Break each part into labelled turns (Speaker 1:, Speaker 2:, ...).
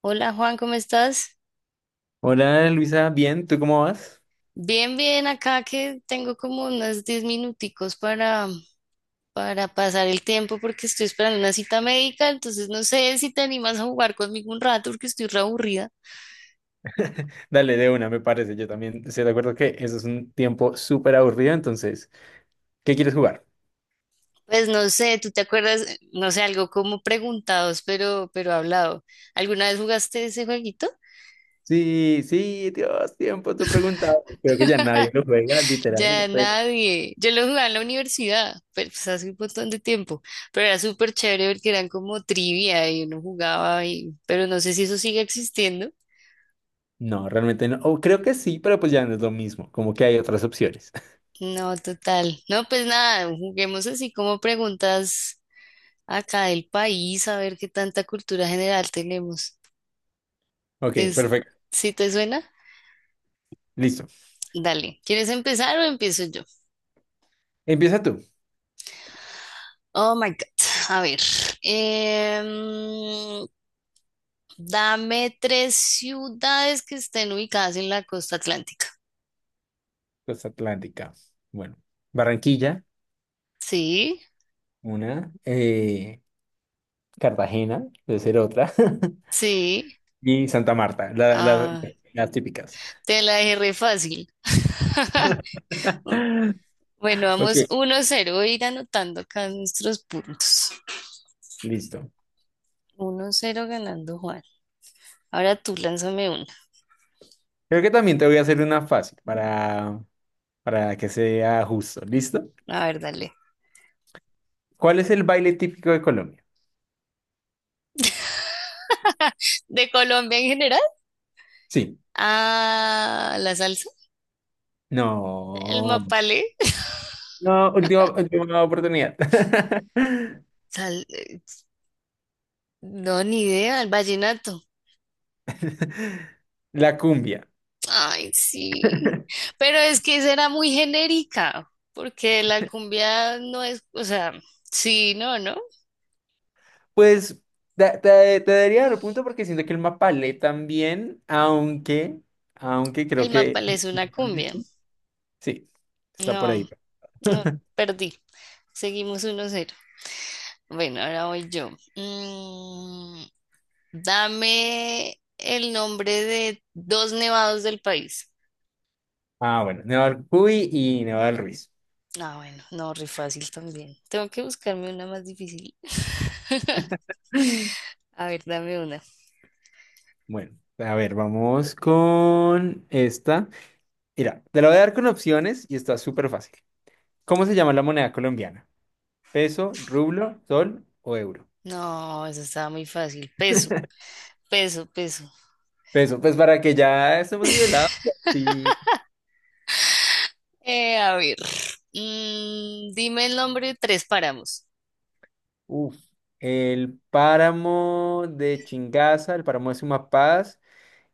Speaker 1: Hola Juan, ¿cómo estás?
Speaker 2: Hola Luisa, bien, ¿tú cómo vas?
Speaker 1: Bien, bien, acá que tengo como unos 10 minuticos para pasar el tiempo porque estoy esperando una cita médica, entonces no sé si te animas a jugar conmigo un rato porque estoy re aburrida.
Speaker 2: Dale, de una, me parece. Yo también estoy de acuerdo que eso es un tiempo súper aburrido, entonces, ¿qué quieres jugar?
Speaker 1: Pues no sé, ¿tú te acuerdas? No sé, algo como preguntados, pero hablado. ¿Alguna vez jugaste ese jueguito?
Speaker 2: Sí, sí, Dios, tiempo, tú preguntabas. Creo que ya nadie lo juega, literal.
Speaker 1: Ya nadie. Yo lo jugaba en la universidad, pero pues hace un montón de tiempo. Pero era súper chévere porque eran como trivia y uno jugaba y, pero no sé si eso sigue existiendo.
Speaker 2: No, realmente no. O creo que sí, pero pues ya no es lo mismo, como que hay otras opciones.
Speaker 1: No, total. No, pues nada, juguemos así como preguntas acá del país, a ver qué tanta cultura general tenemos.
Speaker 2: Ok,
Speaker 1: ¿Te-
Speaker 2: perfecto,
Speaker 1: si te suena?
Speaker 2: listo.
Speaker 1: Dale. ¿Quieres empezar o empiezo yo?
Speaker 2: Empieza tú.
Speaker 1: Oh my God. A ver. em, Dame tres ciudades que estén ubicadas en la costa atlántica.
Speaker 2: Costa Atlántica. Bueno, Barranquilla,
Speaker 1: Sí,
Speaker 2: una. Cartagena, debe ser otra.
Speaker 1: sí.
Speaker 2: Y Santa Marta,
Speaker 1: Ah,
Speaker 2: las típicas.
Speaker 1: te la dejé re fácil. Bueno,
Speaker 2: Ok,
Speaker 1: vamos uno cero. Voy a ir anotando acá nuestros puntos.
Speaker 2: listo.
Speaker 1: 1-0 ganando Juan. Ahora tú lánzame una.
Speaker 2: Creo que también te voy a hacer una fácil para que sea justo. ¿Listo?
Speaker 1: A ver, dale.
Speaker 2: ¿Cuál es el baile típico de Colombia?
Speaker 1: ¿De Colombia en general?
Speaker 2: Sí.
Speaker 1: Ah, la salsa, el
Speaker 2: No.
Speaker 1: mapalé.
Speaker 2: No, última, última oportunidad.
Speaker 1: Sal- eh, no, ni idea, el vallenato.
Speaker 2: La cumbia.
Speaker 1: Ay, sí. Pero es que esa era muy genérica, porque la cumbia no es, o sea, sí, no, ¿no?
Speaker 2: Pues te, te daría el punto porque siento que el mapalé también, aunque, aunque creo
Speaker 1: El mapalé es
Speaker 2: que...
Speaker 1: una cumbia.
Speaker 2: Sí, está por
Speaker 1: No,
Speaker 2: ahí.
Speaker 1: no, perdí. Seguimos 1-0. Bueno, ahora voy yo. Mm, dame el nombre de dos nevados del país.
Speaker 2: Ah, bueno, Neval Cuy y Neval Ruiz.
Speaker 1: Ah, bueno, no, re fácil también. Tengo que buscarme una más difícil. A ver, dame una.
Speaker 2: Bueno, a ver, vamos con esta. Mira, te la voy a dar con opciones y está súper fácil. ¿Cómo se llama la moneda colombiana? ¿Peso, rublo, sol o euro?
Speaker 1: No, eso estaba muy fácil. Peso, peso, peso.
Speaker 2: Peso, pues para que ya estemos nivelados. Pues sí.
Speaker 1: A ver. Dime el nombre de tres páramos.
Speaker 2: Uf. El páramo de Chingaza, el páramo de Sumapaz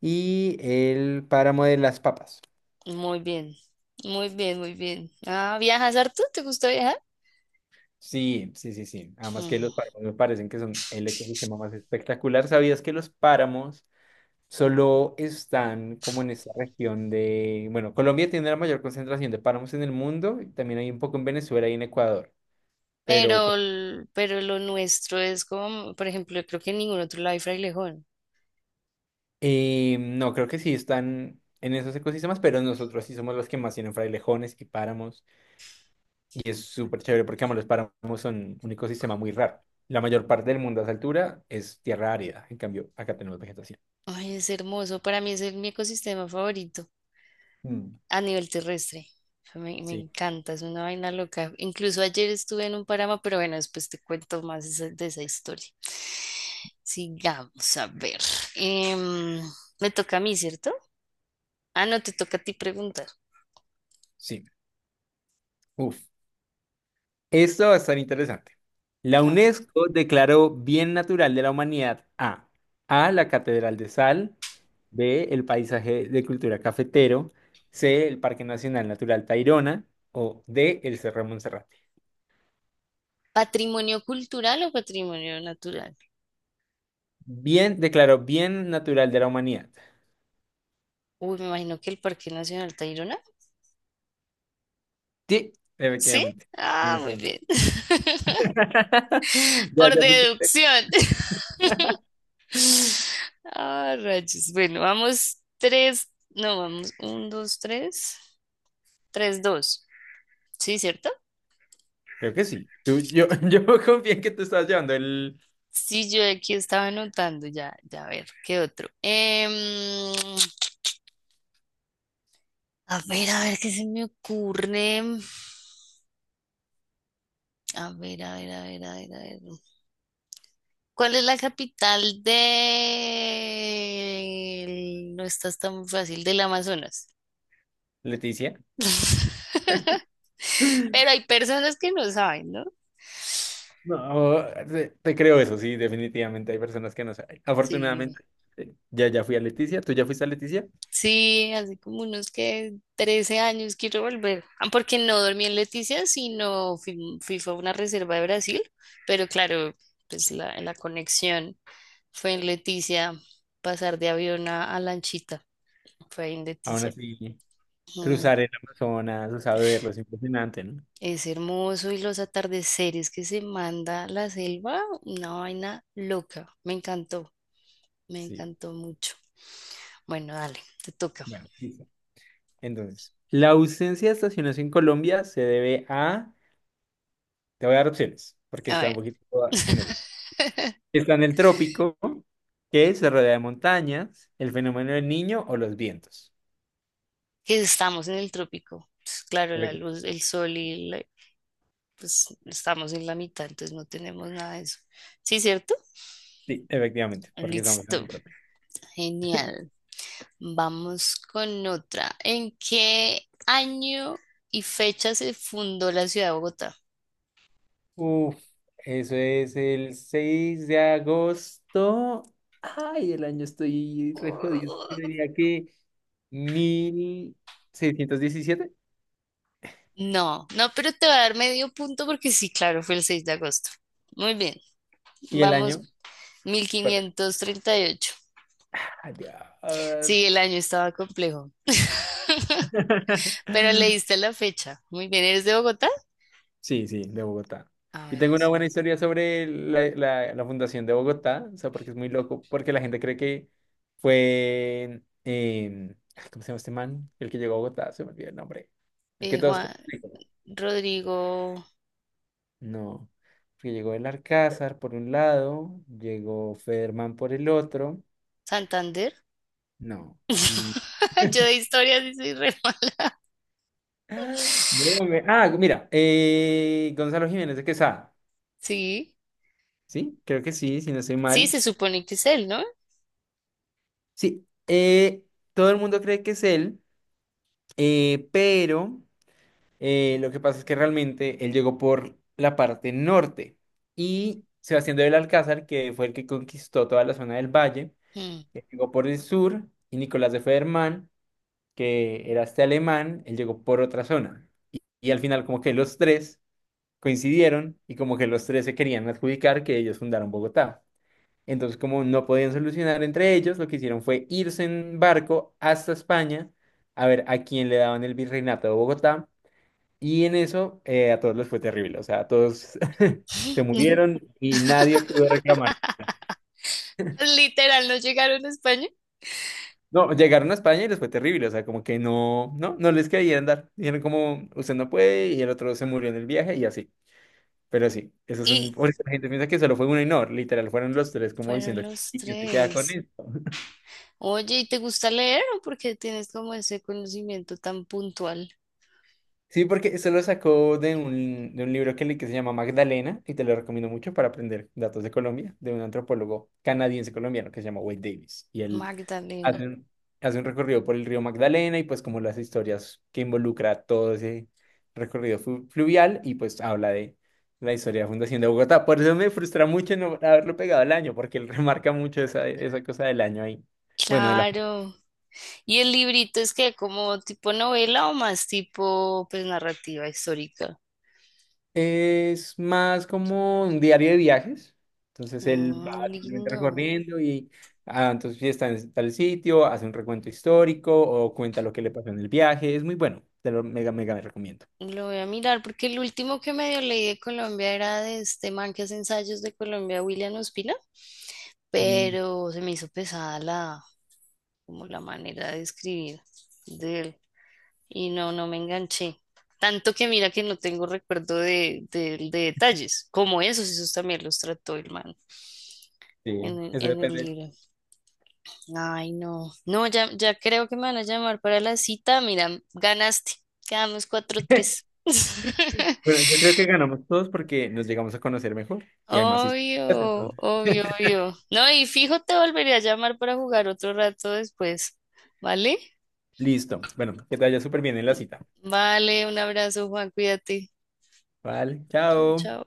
Speaker 2: y el páramo de Las Papas.
Speaker 1: Muy bien, muy bien, muy bien. Ah, ¿viajas harto? ¿Te gusta viajar?
Speaker 2: Sí, sí, sí, sí. Además que
Speaker 1: Mm.
Speaker 2: los páramos me parecen que son el ecosistema más espectacular. ¿Sabías que los páramos solo están como en esta región de, bueno, Colombia tiene la mayor concentración de páramos en el mundo, y también hay un poco en Venezuela y en Ecuador, pero
Speaker 1: Pero lo nuestro es como, por ejemplo, creo que en ningún otro lado hay frailejón.
Speaker 2: no, creo que sí están en esos ecosistemas, pero nosotros sí somos los que más tienen frailejones y páramos, y es súper chévere porque, vamos, los páramos son un ecosistema muy raro? La mayor parte del mundo a esa altura es tierra árida, en cambio, acá tenemos vegetación.
Speaker 1: Ay, es hermoso. Para mí es el, mi ecosistema favorito
Speaker 2: Mm,
Speaker 1: a nivel terrestre. O sea, me
Speaker 2: sí,
Speaker 1: encanta, es una vaina loca. Incluso ayer estuve en un páramo, pero bueno, después te cuento más de esa historia. Sigamos a ver. Em, me toca a mí, ¿cierto? Ah, no, te toca a ti preguntar.
Speaker 2: sí. Uf. Esto va a estar interesante. La
Speaker 1: A ver.
Speaker 2: UNESCO declaró Bien Natural de la Humanidad a A. La Catedral de Sal, B. El Paisaje de Cultura Cafetero, C. El Parque Nacional Natural Tayrona o D. El Cerro de Monserrate.
Speaker 1: ¿Patrimonio cultural o patrimonio natural?
Speaker 2: Bien, declaró Bien Natural de la Humanidad.
Speaker 1: Uy, me imagino que el Parque Nacional Tayrona.
Speaker 2: Sí,
Speaker 1: ¿Sí?
Speaker 2: efectivamente. Sí
Speaker 1: Ah,
Speaker 2: me
Speaker 1: muy
Speaker 2: sé.
Speaker 1: bien.
Speaker 2: Ya,
Speaker 1: Por
Speaker 2: ya fuiste. Usted.
Speaker 1: deducción. Ah, rayos. Bueno, vamos tres, no, vamos, un, dos, tres, tres, dos. ¿Sí, cierto?
Speaker 2: Creo que sí. Yo, yo confié en que tú estabas llevando el
Speaker 1: Sí, yo aquí estaba anotando, ya, ya, a ver, ¿qué otro? A ver, ¿qué se me ocurre? A ver, a ver, a ver, a ver, a ver. ¿Cuál es la capital de... no estás tan fácil, del Amazonas?
Speaker 2: Leticia.
Speaker 1: Pero hay personas que no saben, ¿no?
Speaker 2: No, te creo eso, sí, definitivamente hay personas que no saben.
Speaker 1: Sí.
Speaker 2: Afortunadamente, ya, ya fui a Leticia, tú ya fuiste a Leticia.
Speaker 1: Sí, hace como unos que 13 años, quiero volver. Ah, porque no dormí en Leticia, sino fui, fue a una reserva de Brasil, pero claro, pues la conexión fue en Leticia, pasar de avión a lanchita, fue ahí en
Speaker 2: Aún
Speaker 1: Leticia.
Speaker 2: así,
Speaker 1: Mm.
Speaker 2: cruzar el Amazonas, o sea, verlo, es impresionante, ¿no?
Speaker 1: Es hermoso y los atardeceres que se manda la selva, una vaina loca, me
Speaker 2: Sí,
Speaker 1: encantó mucho. Bueno, dale, te toca.
Speaker 2: bueno, listo. Entonces, la ausencia de estaciones en Colombia se debe a, te voy a dar opciones, porque
Speaker 1: A
Speaker 2: está un
Speaker 1: ver.
Speaker 2: poquito genérico. ¿Está en el trópico, que se rodea de montañas, el fenómeno del niño o los vientos?
Speaker 1: Que estamos en el trópico. Pues, claro, la
Speaker 2: Efecti-
Speaker 1: luz, el sol y la- pues estamos en la mitad, entonces no tenemos nada de eso. ¿Sí, cierto?
Speaker 2: sí, efectivamente, porque estamos en
Speaker 1: Listo,
Speaker 2: el trópico.
Speaker 1: genial. Vamos con otra. ¿En qué año y fecha se fundó la ciudad de Bogotá?
Speaker 2: Uf, eso es el 6 de agosto. Ay, el año estoy re jodido. Yo diría que 1617
Speaker 1: No, no, pero te va a dar medio punto porque sí, claro, fue el 6 de agosto. Muy bien,
Speaker 2: y el
Speaker 1: vamos,
Speaker 2: año.
Speaker 1: mil
Speaker 2: Pues,
Speaker 1: quinientos treinta y ocho.
Speaker 2: ay,
Speaker 1: Sí, el año estaba complejo. Pero leíste la fecha. Muy bien, ¿eres de Bogotá?
Speaker 2: sí, sí, de Bogotá.
Speaker 1: Ah,
Speaker 2: Y
Speaker 1: bueno,
Speaker 2: tengo una
Speaker 1: sí.
Speaker 2: buena historia sobre la fundación de Bogotá, o sea, porque es muy loco, porque la gente cree que fue, ay, ¿cómo se llama este man? El que llegó a Bogotá, se me olvidó el nombre. El que todos
Speaker 1: Juan
Speaker 2: creen.
Speaker 1: Rodrigo
Speaker 2: No, porque llegó el Alcázar por un lado, llegó Federman por el otro,
Speaker 1: Santander.
Speaker 2: no, y...
Speaker 1: Yo de historia sí soy re mala.
Speaker 2: ¡Ah! No, me- Ah, mira, Gonzalo Jiménez de Quesada,
Speaker 1: Sí,
Speaker 2: ¿sí? Creo que sí, si no estoy
Speaker 1: sí,
Speaker 2: mal.
Speaker 1: se supone que es él, ¿no?
Speaker 2: Sí, todo el mundo cree que es él, pero lo que pasa es que realmente él llegó por la parte norte y Sebastián del Alcázar, que fue el que conquistó toda la zona del valle,
Speaker 1: Mm.
Speaker 2: que llegó por el sur, y Nicolás de Federman, que era este alemán, él llegó por otra zona. Y al final como que los tres coincidieron y como que los tres se querían adjudicar que ellos fundaron Bogotá. Entonces como no podían solucionar entre ellos, lo que hicieron fue irse en barco hasta España a ver a quién le daban el virreinato de Bogotá. Y en eso a todos les fue terrible, o sea, a todos se
Speaker 1: Ni-
Speaker 2: murieron y nadie pudo reclamar.
Speaker 1: literal, no llegaron a España
Speaker 2: No, llegaron a España y les fue terrible, o sea, como que no, no, no les querían dar. Dijeron como, usted no puede, y el otro se murió en el viaje y así. Pero sí, eso es un...
Speaker 1: y
Speaker 2: Porque la gente piensa que solo fue uno y no, literal, fueron los tres como
Speaker 1: fueron
Speaker 2: diciendo,
Speaker 1: los
Speaker 2: ¿y quién se queda con
Speaker 1: tres.
Speaker 2: esto?
Speaker 1: Oye, ¿y te gusta leer o porque tienes como ese conocimiento tan puntual?
Speaker 2: Sí, porque eso lo sacó de un libro que, que se llama Magdalena, y te lo recomiendo mucho para aprender datos de Colombia, de un antropólogo canadiense colombiano que se llama Wade Davis. Y él hace
Speaker 1: Magdalena.
Speaker 2: un, hace un recorrido por el río Magdalena y pues como las historias que involucra todo ese recorrido fluvial y pues habla de la historia de la fundación de Bogotá. Por eso me frustra mucho no haberlo pegado al año, porque él remarca mucho esa, esa cosa del año ahí. Bueno, de la...
Speaker 1: Claro. ¿Y el librito es que como tipo novela o más tipo pues narrativa histórica?
Speaker 2: Es más como un diario de viajes. Entonces él
Speaker 1: Ah,
Speaker 2: va simplemente
Speaker 1: lindo.
Speaker 2: recorriendo y ah, entonces si está en tal sitio, hace un recuento histórico o cuenta lo que le pasó en el viaje. Es muy bueno, te lo mega, mega recomiendo.
Speaker 1: Lo voy a mirar porque el último que medio leí de Colombia era de este man que hace ensayos de Colombia, William Ospina, pero se me hizo pesada la, como la manera de escribir de él y no, no me enganché. Tanto que mira que no tengo recuerdo de, de detalles, como esos, esos también los trató el man
Speaker 2: Sí, eso
Speaker 1: en el
Speaker 2: depende.
Speaker 1: libro. Ay, no. No, ya, ya creo que me van a llamar para la cita. Mira, ganaste. Quedamos 4-3.
Speaker 2: Bueno, yo creo que ganamos todos porque nos llegamos a conocer mejor y hay más historias,
Speaker 1: Obvio,
Speaker 2: entonces.
Speaker 1: obvio, obvio. No, y fijo, te volveré a llamar para jugar otro rato después. ¿Vale?
Speaker 2: Listo. Bueno, que te vaya súper bien en la cita.
Speaker 1: Vale, un abrazo, Juan. Cuídate.
Speaker 2: Vale,
Speaker 1: Chao,
Speaker 2: chao.
Speaker 1: chao.